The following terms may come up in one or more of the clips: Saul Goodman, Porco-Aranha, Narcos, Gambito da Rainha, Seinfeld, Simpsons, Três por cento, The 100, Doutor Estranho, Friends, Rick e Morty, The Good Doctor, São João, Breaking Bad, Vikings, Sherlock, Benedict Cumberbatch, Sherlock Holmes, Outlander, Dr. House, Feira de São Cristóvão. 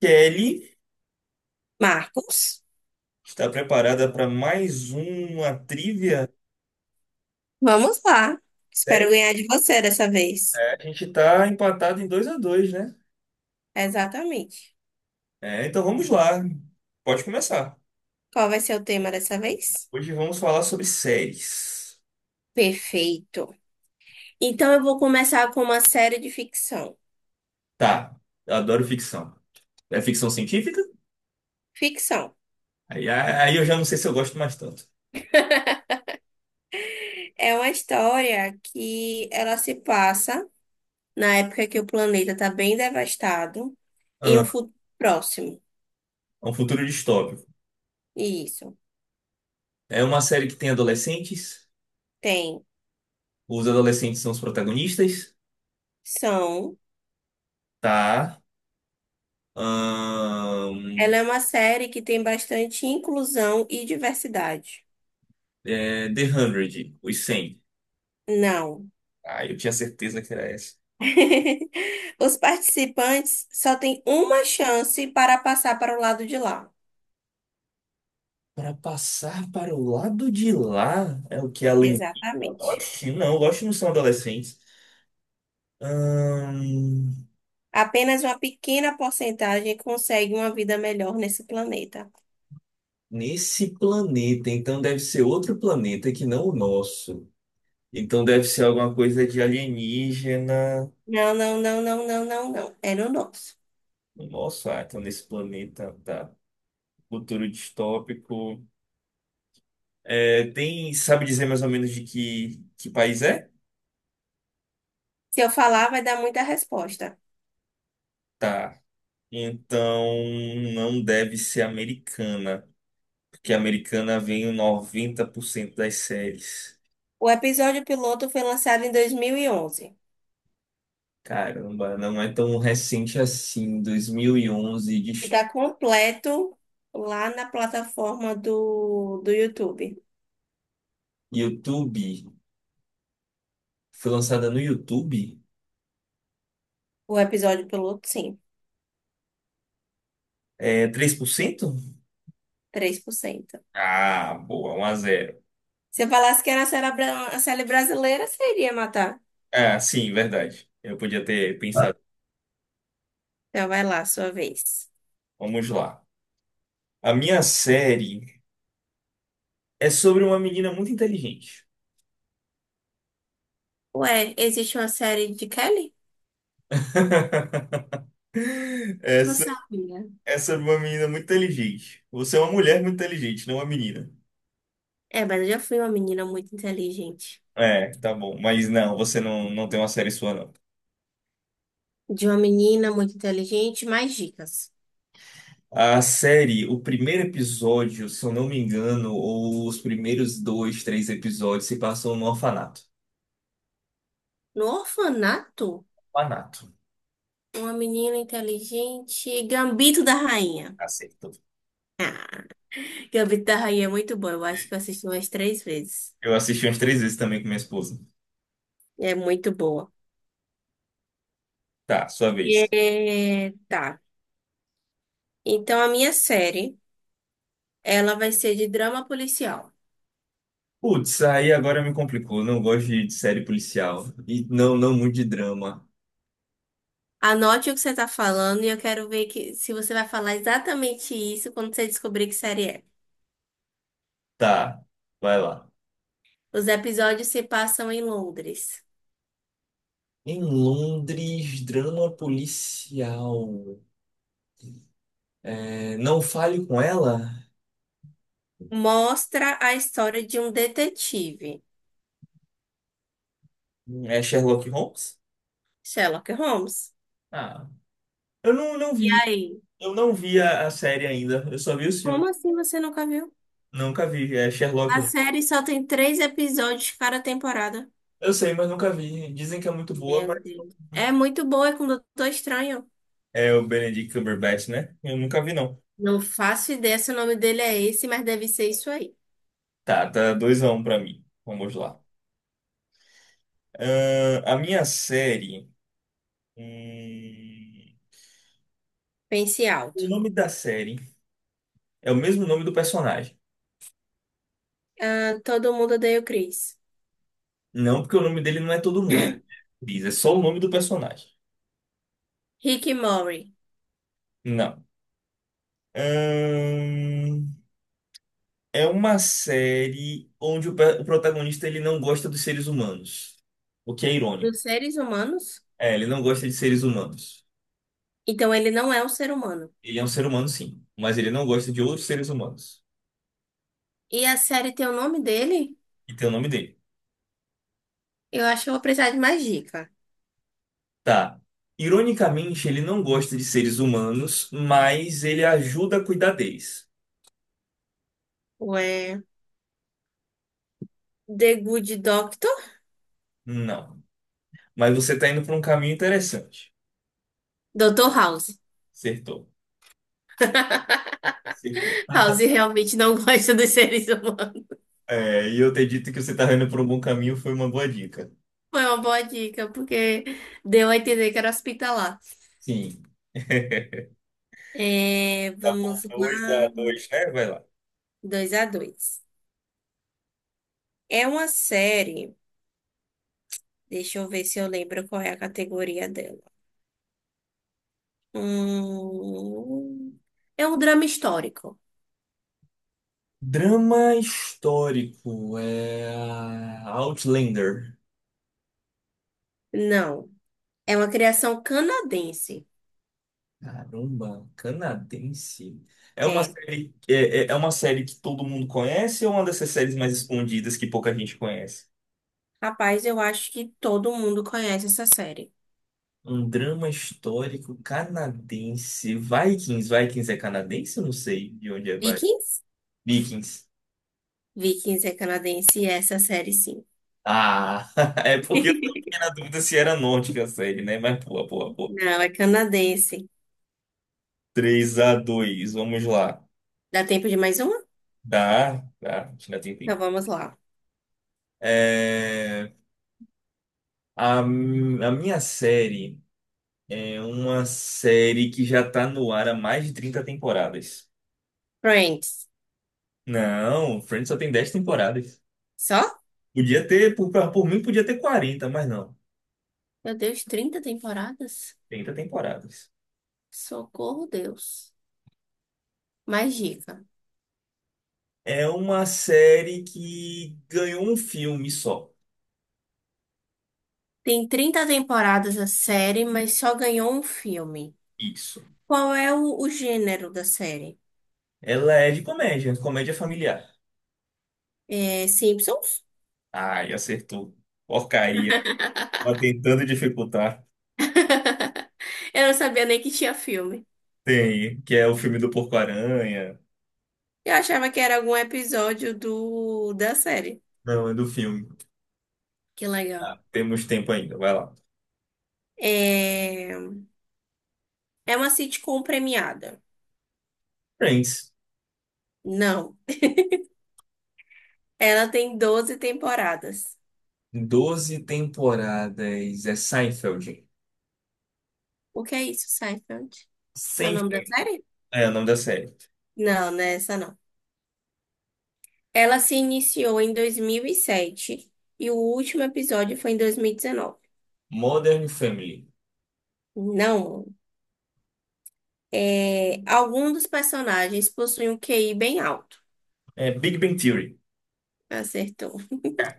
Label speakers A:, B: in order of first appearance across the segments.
A: Kelly
B: Marcos,
A: está preparada para mais uma trivia?
B: vamos lá.
A: É,
B: Espero ganhar de você dessa vez.
A: é, a gente está empatado em 2 a 2, né?
B: Exatamente.
A: É, então vamos lá. Pode começar.
B: Qual vai ser o tema dessa vez?
A: Hoje vamos falar sobre séries.
B: Perfeito. Então eu vou começar com uma série de ficção.
A: Tá, eu adoro ficção. É ficção científica?
B: Ficção
A: Aí, eu já não sei se eu gosto mais tanto.
B: é uma história que ela se passa na época que o planeta está bem devastado, em um
A: Ah,
B: futuro próximo.
A: é um futuro distópico.
B: Isso.
A: É uma série que tem adolescentes.
B: Tem.
A: Os adolescentes são os protagonistas.
B: São.
A: Tá. Ahn,
B: Ela é uma série que tem bastante inclusão e diversidade.
A: The 100, os cem.
B: Não.
A: Ah, eu tinha certeza que era essa.
B: Os participantes só têm uma chance para passar para o lado de lá.
A: Para passar para o lado de lá é o que a lentita.
B: Exatamente.
A: Oxe não são adolescentes. Ahn,
B: Apenas uma pequena porcentagem consegue uma vida melhor nesse planeta.
A: nesse planeta, então deve ser outro planeta que não o nosso. Então deve ser alguma coisa de alienígena.
B: Não, não, não, não, não, não, não. É no nosso.
A: Nossa, ah, então nesse planeta, tá. Futuro distópico. É, tem, sabe dizer mais ou menos de que país é?
B: Se eu falar, vai dar muita resposta.
A: Tá. Então não deve ser americana. Porque a americana vem em 90% das séries.
B: O episódio piloto foi lançado em 2011.
A: Caramba, não é tão recente assim. 2011 de
B: Está completo lá na plataforma do YouTube.
A: YouTube. Foi lançada no YouTube?
B: O episódio piloto, sim.
A: É 3%?
B: 3%.
A: Ah, boa, 1-0.
B: Se eu falasse que era a série brasileira, seria matar.
A: Ah, sim, verdade. Eu podia ter pensado.
B: Então vai lá, sua vez.
A: Vamos lá. A minha série é sobre uma menina muito inteligente.
B: Ué, existe uma série de Kelly? Não
A: Essa
B: sabia.
A: é sobre uma menina muito inteligente. Você é uma mulher muito inteligente, não uma menina.
B: É, mas eu já fui uma menina muito inteligente.
A: É, tá bom. Mas não, você não, não tem uma série sua, não.
B: De uma menina muito inteligente, mais dicas.
A: A série, o primeiro episódio, se eu não me engano, ou os primeiros dois, três episódios se passam no orfanato.
B: No orfanato,
A: Orfanato.
B: uma menina inteligente, Gambito da Rainha.
A: Acertou.
B: Gambito da Rainha é muito boa. Eu acho que eu assisti umas três vezes.
A: Eu assisti umas três vezes também com minha esposa.
B: É muito boa.
A: Tá, sua vez.
B: É, tá. Então a minha série, ela vai ser de drama policial.
A: Putz, aí agora me complicou. Não gosto de série policial. E não, não muito de drama.
B: Anote o que você tá falando e eu quero ver que, se você vai falar exatamente isso quando você descobrir que série é.
A: Tá, vai lá.
B: Os episódios se passam em Londres.
A: Em Londres, drama policial. É, não fale com ela?
B: Mostra a história de um detetive,
A: É Sherlock Holmes?
B: Sherlock Holmes.
A: Ah, eu não
B: E
A: vi.
B: aí?
A: Eu não vi a série ainda. Eu só vi os filmes.
B: Como assim você nunca viu?
A: Nunca vi. É Sherlock.
B: A
A: Não.
B: série só tem três episódios cada temporada.
A: Eu sei, mas nunca vi. Dizem que é muito boa,
B: Meu
A: mas.
B: Deus. É muito boa, é com o Doutor Estranho.
A: É o Benedict Cumberbatch, né? Eu nunca vi, não.
B: Não faço ideia se o nome dele é esse, mas deve ser isso aí.
A: Tá, tá 2-1 pra mim. Vamos lá. A minha série. hum,
B: Pense alto.
A: o nome da série é o mesmo nome do personagem.
B: Ah, todo mundo odeia o Chris.
A: Não, porque o nome dele não é todo mundo. Né? Diz, é só o nome do personagem.
B: Rick e Morty.
A: Não. Ahn, é uma série onde o protagonista ele não gosta dos seres humanos, o que é irônico.
B: Dos seres humanos?
A: É, ele não gosta de seres humanos.
B: Então ele não é um ser humano.
A: Ele é um ser humano, sim, mas ele não gosta de outros seres humanos.
B: E a série tem o nome dele?
A: E tem o nome dele.
B: Eu acho que eu vou precisar de mais dica.
A: Tá. Ironicamente, ele não gosta de seres humanos, mas ele ajuda a cuidar deles.
B: Ué, The Good Doctor?
A: Não. Mas você tá indo por um caminho interessante.
B: Dr. House.
A: Acertou. Acertou.
B: House realmente não gosta dos seres humanos.
A: É, e eu ter dito que você tá indo por um bom caminho foi uma boa dica.
B: Foi uma boa dica, porque deu a entender que era hospitalar.
A: Sim.
B: É,
A: Tá
B: vamos
A: bom. Dois a
B: lá.
A: dois, né? Vai lá.
B: Dois a 2. É uma série. Deixa eu ver se eu lembro qual é a categoria dela. Hum, é um drama histórico.
A: Drama histórico. É Outlander.
B: Não. É uma criação canadense.
A: Caramba, canadense. É uma
B: É.
A: série, é, é uma série que todo mundo conhece ou uma dessas séries mais escondidas que pouca gente conhece?
B: Rapaz, eu acho que todo mundo conhece essa série.
A: Um drama histórico canadense. Vikings. Vikings é canadense? Eu não sei de onde é Vi-
B: Vikings?
A: Vikings.
B: Vikings é canadense e é essa série sim.
A: Ah, é porque eu fiquei na dúvida se era nórdica a série, né? Mas pô, pô, pô.
B: Não, é canadense.
A: 3-2 vamos lá.
B: Dá tempo de mais uma?
A: Tá, tá, ainda tem
B: Então
A: tempo.
B: vamos lá.
A: É, a minha série é uma série que já tá no ar há mais de 30 temporadas.
B: Friends.
A: Não, Friends só tem 10 temporadas.
B: Só?
A: Podia ter, por mim, podia ter 40 mas não.
B: Meu Deus, 30 temporadas?
A: 30 temporadas.
B: Socorro, Deus. Mais dica.
A: É uma série que ganhou um filme só.
B: Tem 30 temporadas a série, mas só ganhou um filme.
A: Isso.
B: Qual é o gênero da série?
A: Ela é de comédia, comédia familiar.
B: É Simpsons?
A: Ai, acertou. Porcaria. Tava tentando dificultar.
B: Eu não sabia nem que tinha filme.
A: Tem, que é o filme do Porco-Aranha.
B: Eu achava que era algum episódio do da série.
A: Não, é do filme.
B: Que legal.
A: Tá, temos tempo ainda, vai lá.
B: É, é uma sitcom premiada.
A: Friends,
B: Não. Ela tem 12 temporadas.
A: 12 temporadas. É Seinfeld.
B: O que é isso, Seinfeld? É o nome da
A: Seinfeld.
B: série?
A: É o nome da série.
B: Não, não é essa não. Ela se iniciou em 2007 e o último episódio foi em 2019.
A: Modern Family.
B: Não. Algum dos personagens possui um QI bem alto.
A: É Big Bang Theory.
B: Acertou.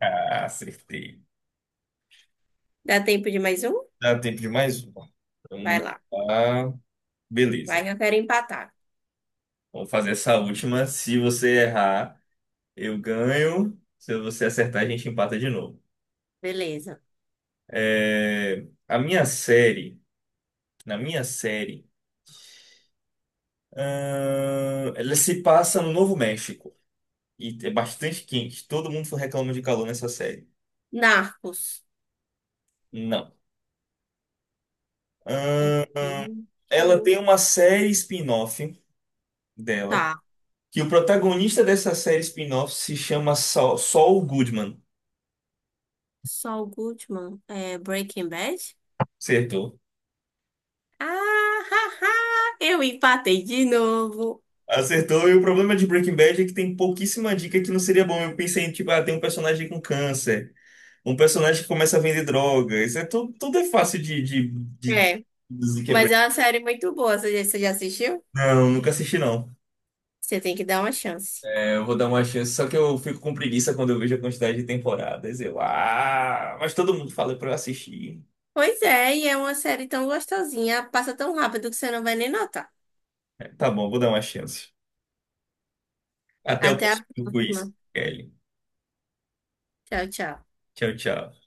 A: Ah, acertei.
B: Dá tempo de mais um?
A: Dá tempo de mais uma.
B: Vai
A: Vamos
B: lá.
A: lá.
B: Vai
A: Beleza.
B: que eu quero empatar.
A: Vamos fazer essa última. Se você errar, eu ganho. Se você acertar, a gente empata de novo.
B: Beleza.
A: É, a minha série. Na minha série. Ela se passa no Novo México. E é bastante quente. Todo mundo reclama de calor nessa série.
B: Narcos.
A: Não.
B: É aqui.
A: Ela tem uma série spin-off dela,
B: Tá.
A: que o protagonista dessa série spin-off se chama Saul, Saul Goodman.
B: Saul Goodman. É Breaking Bad?
A: Acertou.
B: Ah, ha, ha. Eu empatei de novo.
A: Acertou, e o problema de Breaking Bad é que tem pouquíssima dica que não seria bom. Eu pensei, tipo, ah, tem um personagem com câncer, um personagem que começa a vender droga. Isso é tudo, tudo é fácil de
B: É.
A: dizer que é
B: Mas é
A: Breaking
B: uma série muito boa. Você já assistiu?
A: Bad. Não, nunca assisti, não.
B: Você tem que dar uma chance.
A: É, eu vou dar uma chance, só que eu fico com preguiça quando eu vejo a quantidade de temporadas. Eu, ah, mas todo mundo fala pra eu assistir.
B: Pois é, e é uma série tão gostosinha. Passa tão rápido que você não vai nem notar.
A: É, tá bom, vou dar uma chance. Até o
B: Até
A: próximo
B: a
A: quiz,
B: próxima.
A: Kelly.
B: Tchau, tchau.
A: Tchau, tchau.